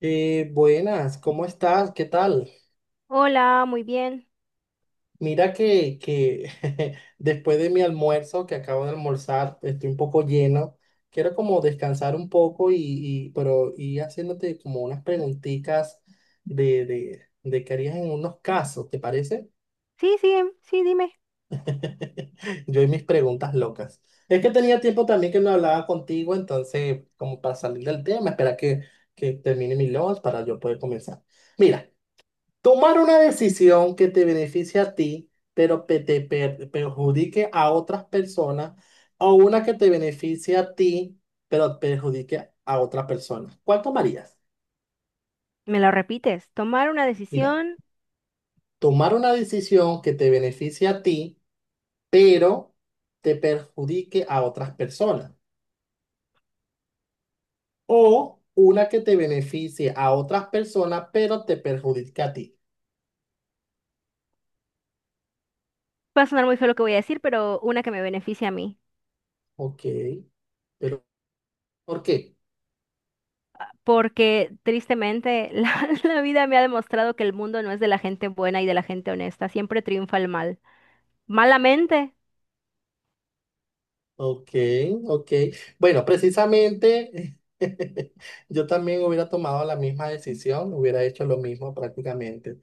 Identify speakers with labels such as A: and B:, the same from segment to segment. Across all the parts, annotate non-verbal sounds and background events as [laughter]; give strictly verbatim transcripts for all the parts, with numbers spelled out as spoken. A: Eh, buenas, ¿cómo estás? ¿Qué tal?
B: Hola, muy bien.
A: Mira que, que [laughs] después de mi almuerzo, que acabo de almorzar, estoy un poco lleno. Quiero como descansar un poco y, y- pero y haciéndote como unas preguntitas de, de, de qué harías en unos casos, ¿te parece?
B: Sí, sí, sí, dime.
A: [laughs] Yo y mis preguntas locas. Es que tenía tiempo también que no hablaba contigo, entonces como para salir del tema, espera que, que termine mi lunch para yo poder comenzar. Mira. Tomar una decisión que te beneficie a ti, pero que te per- perjudique a otras personas, o una que te beneficie a ti, pero perjudique a otras personas. ¿Cuál tomarías?
B: Me lo repites. Tomar una
A: Mira,
B: decisión.
A: tomar una decisión que te beneficie a ti, pero te perjudique a otras personas. O una que te beneficie a otras personas, pero te perjudique a ti.
B: Va a sonar muy feo lo que voy a decir, pero una que me beneficie a mí.
A: Ok. ¿Por qué?
B: Porque tristemente [laughs] la, la vida me ha demostrado que el mundo no es de la gente buena y de la gente honesta. Siempre triunfa el mal. Malamente.
A: Ok, ok. Bueno, precisamente [laughs] yo también hubiera tomado la misma decisión, hubiera hecho lo mismo prácticamente.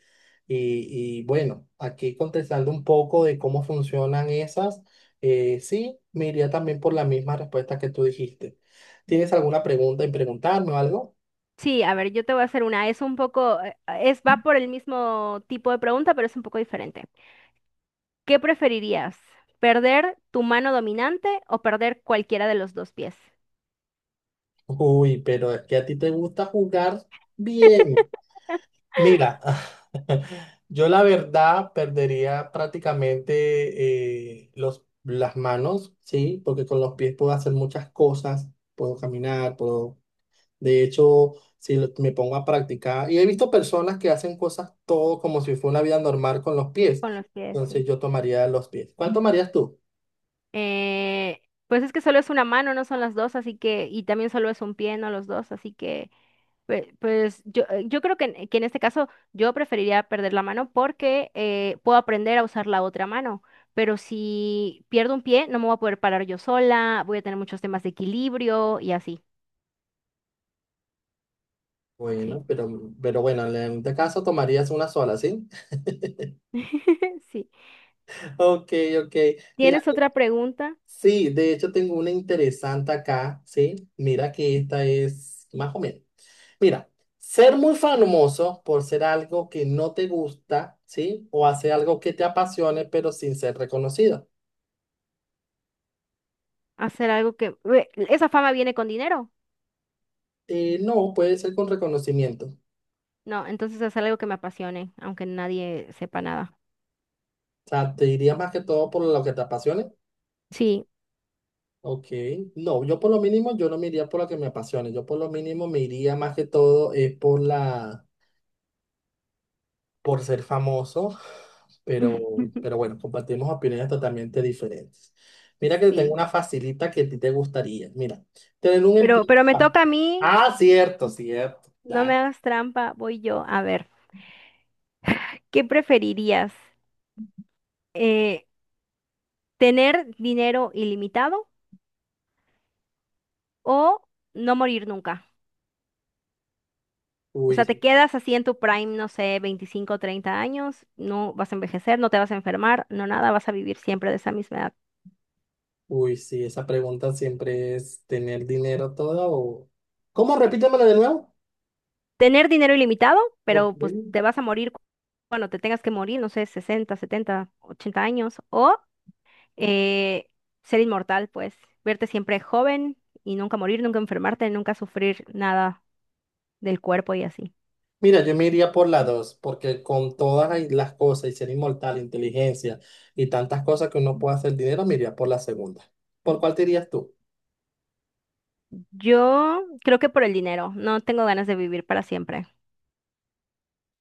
A: Y, y bueno, aquí contestando un poco de cómo funcionan esas, eh, sí, me iría también por la misma respuesta que tú dijiste. ¿Tienes alguna pregunta en preguntarme o algo?
B: Sí, a ver, yo te voy a hacer una. Es un poco, eh, es, va por el mismo tipo de pregunta, pero es un poco diferente. ¿Qué preferirías? ¿Perder tu mano dominante o perder cualquiera de los dos pies?
A: Uy, pero es que a ti te gusta jugar bien. Mira, [laughs] yo la verdad perdería prácticamente eh, los, las manos, ¿sí? Porque con los pies puedo hacer muchas cosas, puedo caminar, puedo... De hecho, si lo- me pongo a practicar, y he visto personas que hacen cosas todo como si fuera una vida normal con los pies,
B: Con los pies,
A: entonces
B: sí.
A: yo tomaría los pies. ¿Cuál tomarías tú?
B: Eh, pues es que solo es una mano, no son las dos, así que, y también solo es un pie, no los dos, así que, pe- pues, yo, eh, yo creo que, en que en este caso yo preferiría perder la mano porque eh, puedo aprender a usar la otra mano, pero si pierdo un pie no me voy a poder parar yo sola, voy a tener muchos temas de equilibrio y así, sí.
A: Bueno, pero, pero bueno, en este caso tomarías una sola, ¿sí?
B: [laughs] Sí.
A: [laughs] Ok, ok. Mira.
B: ¿Tienes otra pregunta?
A: Sí, de hecho tengo una interesante acá, ¿sí? Mira que esta es más o menos. Mira, ser muy famoso por ser algo que no te gusta, ¿sí? O hacer algo que te apasione, pero sin ser reconocido.
B: Hacer algo que. Ue, ¿esa fama viene con dinero?
A: Eh, no, puede ser con reconocimiento. O
B: No, entonces hacer algo que me apasione, aunque nadie sepa nada.
A: sea, te iría más que todo por lo que te apasione.
B: Sí.
A: Ok, no, yo por lo mínimo, yo no me iría por lo que me apasione. Yo por lo mínimo me iría más que todo es por la... por ser famoso, pero, pero
B: [laughs]
A: bueno, compartimos opiniones totalmente diferentes. Mira que tengo
B: Sí,
A: una facilita que a ti te gustaría. Mira, tener un
B: pero,
A: empleo.
B: pero me toca a mí,
A: Ah, cierto, cierto.
B: no me
A: Dale.
B: hagas trampa, voy yo. A ver, ¿qué preferirías? Eh, ¿Tener dinero ilimitado o no morir nunca? O sea,
A: Uy,
B: te quedas así en tu prime, no sé, veinticinco, o treinta años, no vas a envejecer, no te vas a enfermar, no nada, vas a vivir siempre de esa misma edad.
A: uy, sí, esa pregunta siempre es tener dinero todo o... ¿Cómo? Repítemelo de nuevo.
B: Tener dinero ilimitado,
A: Ok.
B: pero pues te vas a morir cu- cuando te tengas que morir, no sé, sesenta, setenta, ochenta años, o eh, ser inmortal, pues, verte siempre joven y nunca morir, nunca enfermarte, nunca sufrir nada del cuerpo y así.
A: Mira, yo me iría por la dos, porque con todas ahí las cosas y ser inmortal, inteligencia y tantas cosas que uno puede hacer dinero, me iría por la segunda. ¿Por cuál te irías tú?
B: Yo creo que por el dinero, no tengo ganas de vivir para siempre.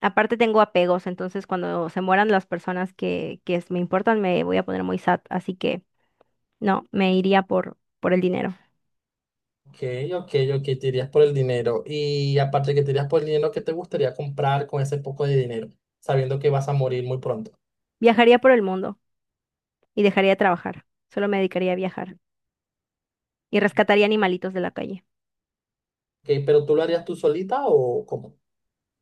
B: Aparte tengo apegos, entonces cuando se mueran las personas que, que es- me importan, me voy a poner muy sad, así que no, me iría por, por el dinero.
A: Ok, ok, ok, te irías por el dinero. Y aparte que te irías por el dinero, ¿qué te gustaría comprar con ese poco de dinero? Sabiendo que vas a morir muy pronto.
B: Viajaría por el mundo y dejaría de trabajar, solo me dedicaría a viajar y rescataría animalitos de la calle.
A: Ok, pero ¿tú lo harías tú solita o cómo?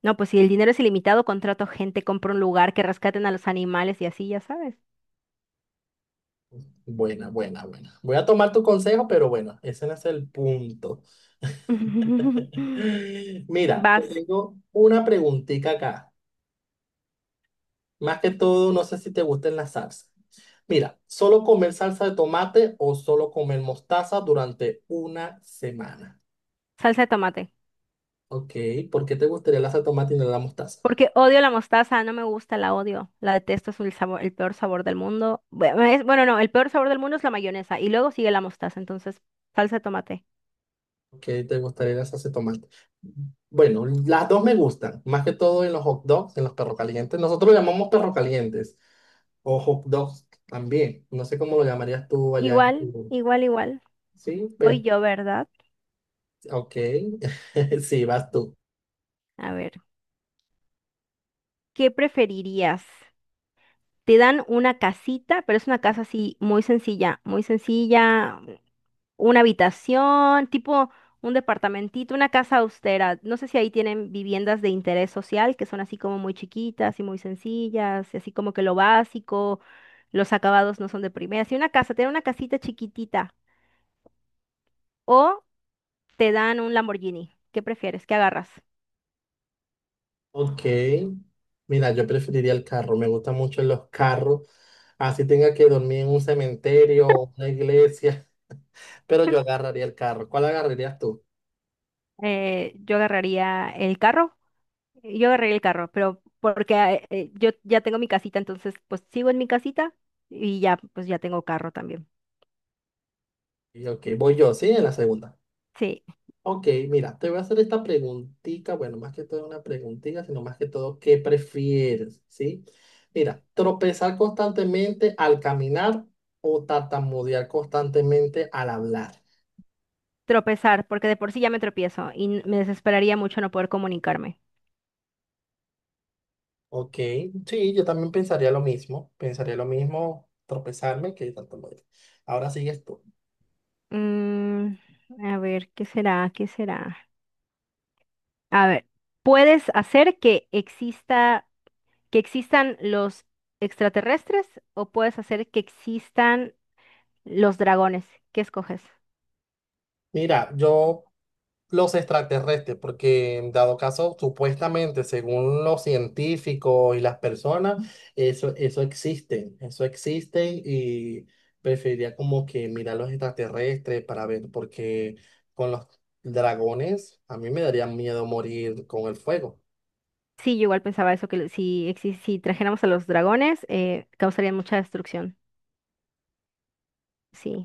B: No, pues si el dinero es ilimitado, contrato gente, compro un lugar, que rescaten a los animales y así, ya sabes.
A: Buena, buena, buena. Voy a tomar tu consejo, pero bueno, ese no es el punto.
B: [laughs]
A: [laughs] Mira, te
B: Vas,
A: tengo una preguntita acá. Más que todo, no sé si te gustan las salsas. Mira, ¿solo comer salsa de tomate o solo comer mostaza durante una semana?
B: salsa de tomate.
A: Ok, ¿por qué te gustaría la salsa de tomate y no la mostaza?
B: Porque odio la mostaza, no me gusta, la odio. La detesto, es el sabor, el peor sabor del mundo. Bueno, es- bueno, no, el peor sabor del mundo es la mayonesa y luego sigue la mostaza, entonces salsa de tomate.
A: ¿Qué te gustaría la salsa de tomate? Bueno, las dos me gustan, más que todo en los hot dogs, en los perros calientes. Nosotros lo llamamos perros calientes o hot dogs también. No sé cómo lo llamarías tú allá en
B: Igual,
A: tu...
B: igual, igual.
A: Sí, pero...
B: Voy yo, ¿verdad?
A: Ok, [laughs] sí, vas tú.
B: A ver, ¿qué preferirías? Te dan una casita, pero es una casa así muy sencilla, muy sencilla. Una habitación, tipo un departamentito, una casa austera. No sé si ahí tienen viviendas de interés social que son así como muy chiquitas y muy sencillas, y así como que lo básico, los acabados no son de primera. Si una casa, tiene una casita chiquitita o te dan un Lamborghini, ¿qué prefieres? ¿Qué agarras?
A: Ok, mira, yo preferiría el carro, me gustan mucho los carros, así tenga que dormir en un cementerio o una iglesia, [laughs] pero yo agarraría el carro. ¿Cuál agarrarías tú?
B: Eh, yo agarraría el carro. eh, Yo agarraría el carro, pero porque eh, eh, yo ya tengo mi casita, entonces pues sigo en mi casita y ya pues ya tengo carro también.
A: Y ok, voy yo, sí, en la segunda.
B: Sí.
A: Ok, mira, te voy a hacer esta preguntita, bueno, más que todo una preguntita, sino más que todo, ¿qué prefieres? ¿Sí? Mira, tropezar constantemente al caminar o tartamudear constantemente al hablar.
B: Tropezar, porque de por sí ya me tropiezo y n- me desesperaría mucho no poder comunicarme.
A: Ok, sí, yo también pensaría lo mismo, pensaría lo mismo tropezarme que tartamudear. Ahora sigues tú.
B: Mm, a ver, ¿qué será? ¿Qué será? A ver, ¿puedes hacer que exista, que existan los extraterrestres o puedes hacer que existan los dragones? ¿Qué escoges?
A: Mira, yo los extraterrestres, porque dado caso, supuestamente, según los científicos y las personas, eso, eso existe, eso existe y preferiría como que mirar los extraterrestres para ver, porque con los dragones a mí me daría miedo morir con el fuego.
B: Sí, yo igual pensaba eso, que si, exi- si trajéramos a los dragones, eh, causarían mucha destrucción.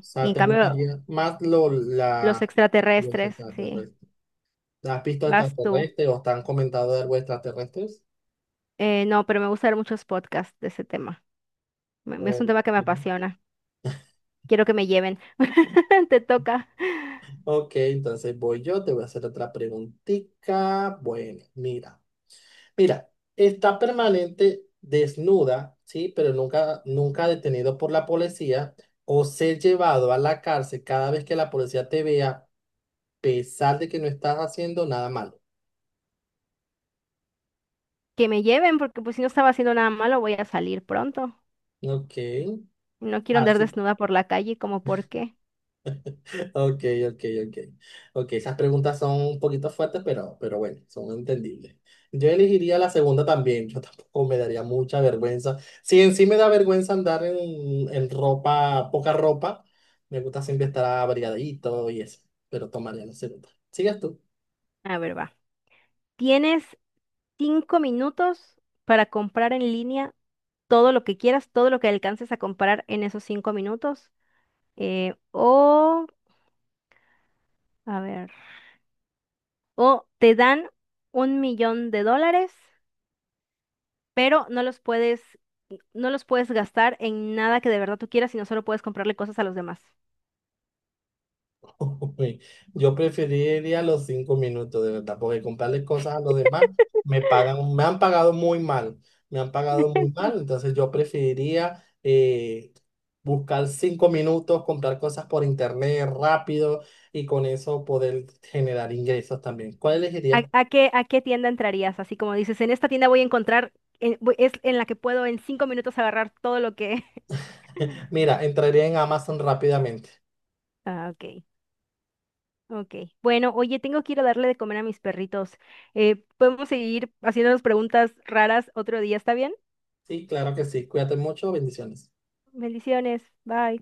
A: O
B: Y
A: sea,
B: en
A: ¿te
B: cambio,
A: gustaría más lo,
B: los
A: la, los
B: extraterrestres, sí.
A: extraterrestres? ¿Has visto
B: Vas tú.
A: extraterrestres o te han comentado de algo extraterrestres?
B: Eh, no, pero me gusta ver muchos podcasts de ese tema. Me- Es un
A: ¿O...
B: tema que me apasiona. Quiero que me lleven. [laughs] Te toca
A: Ok, entonces voy yo, te voy a hacer otra preguntita. Bueno, mira, mira, está permanente desnuda, ¿sí? Pero nunca, nunca detenido por la policía o ser llevado a la cárcel cada vez que la policía te vea, a pesar de que no estás haciendo nada malo.
B: que me lleven porque pues si no estaba haciendo nada malo voy a salir pronto.
A: Ok,
B: No quiero andar
A: así.
B: desnuda por la calle como por qué.
A: Ok, ok, ok. Ok, esas preguntas son un poquito fuertes, pero, pero bueno, son entendibles. Yo elegiría la segunda también. Yo [laughs] tampoco me daría mucha vergüenza. Si en sí me da vergüenza andar en, en ropa, poca ropa, me gusta siempre estar abrigadito y eso. Pero tomaría la segunda. ¿Sigues tú?
B: A ver, va. Tienes cinco minutos para comprar en línea todo lo que quieras, todo lo que alcances a comprar en esos cinco minutos. eh, o, a ver, o te dan un millón de dólares pero no los puedes, no los puedes gastar en nada que de verdad tú quieras, sino solo puedes comprarle cosas a los demás.
A: [laughs] Uy, yo preferiría los cinco minutos, de verdad, porque comprarle cosas a los demás me pagan, me han pagado muy mal, me han pagado muy mal, entonces yo preferiría eh, buscar cinco minutos, comprar cosas por internet rápido y con eso poder generar ingresos también. ¿Cuál
B: ¿A,
A: elegirías?
B: a qué, a qué tienda entrarías? Así como dices, en esta tienda voy a encontrar, en- voy- es en la que puedo en cinco minutos agarrar todo lo que. [laughs]
A: [laughs] Mira, entraría en Amazon rápidamente.
B: Ah, ok. Ok. Bueno, oye, tengo que ir a darle de comer a mis perritos. Eh, podemos seguir haciéndonos preguntas raras otro día, ¿está bien?
A: Sí, claro que sí. Cuídate mucho, bendiciones.
B: Bendiciones. Bye.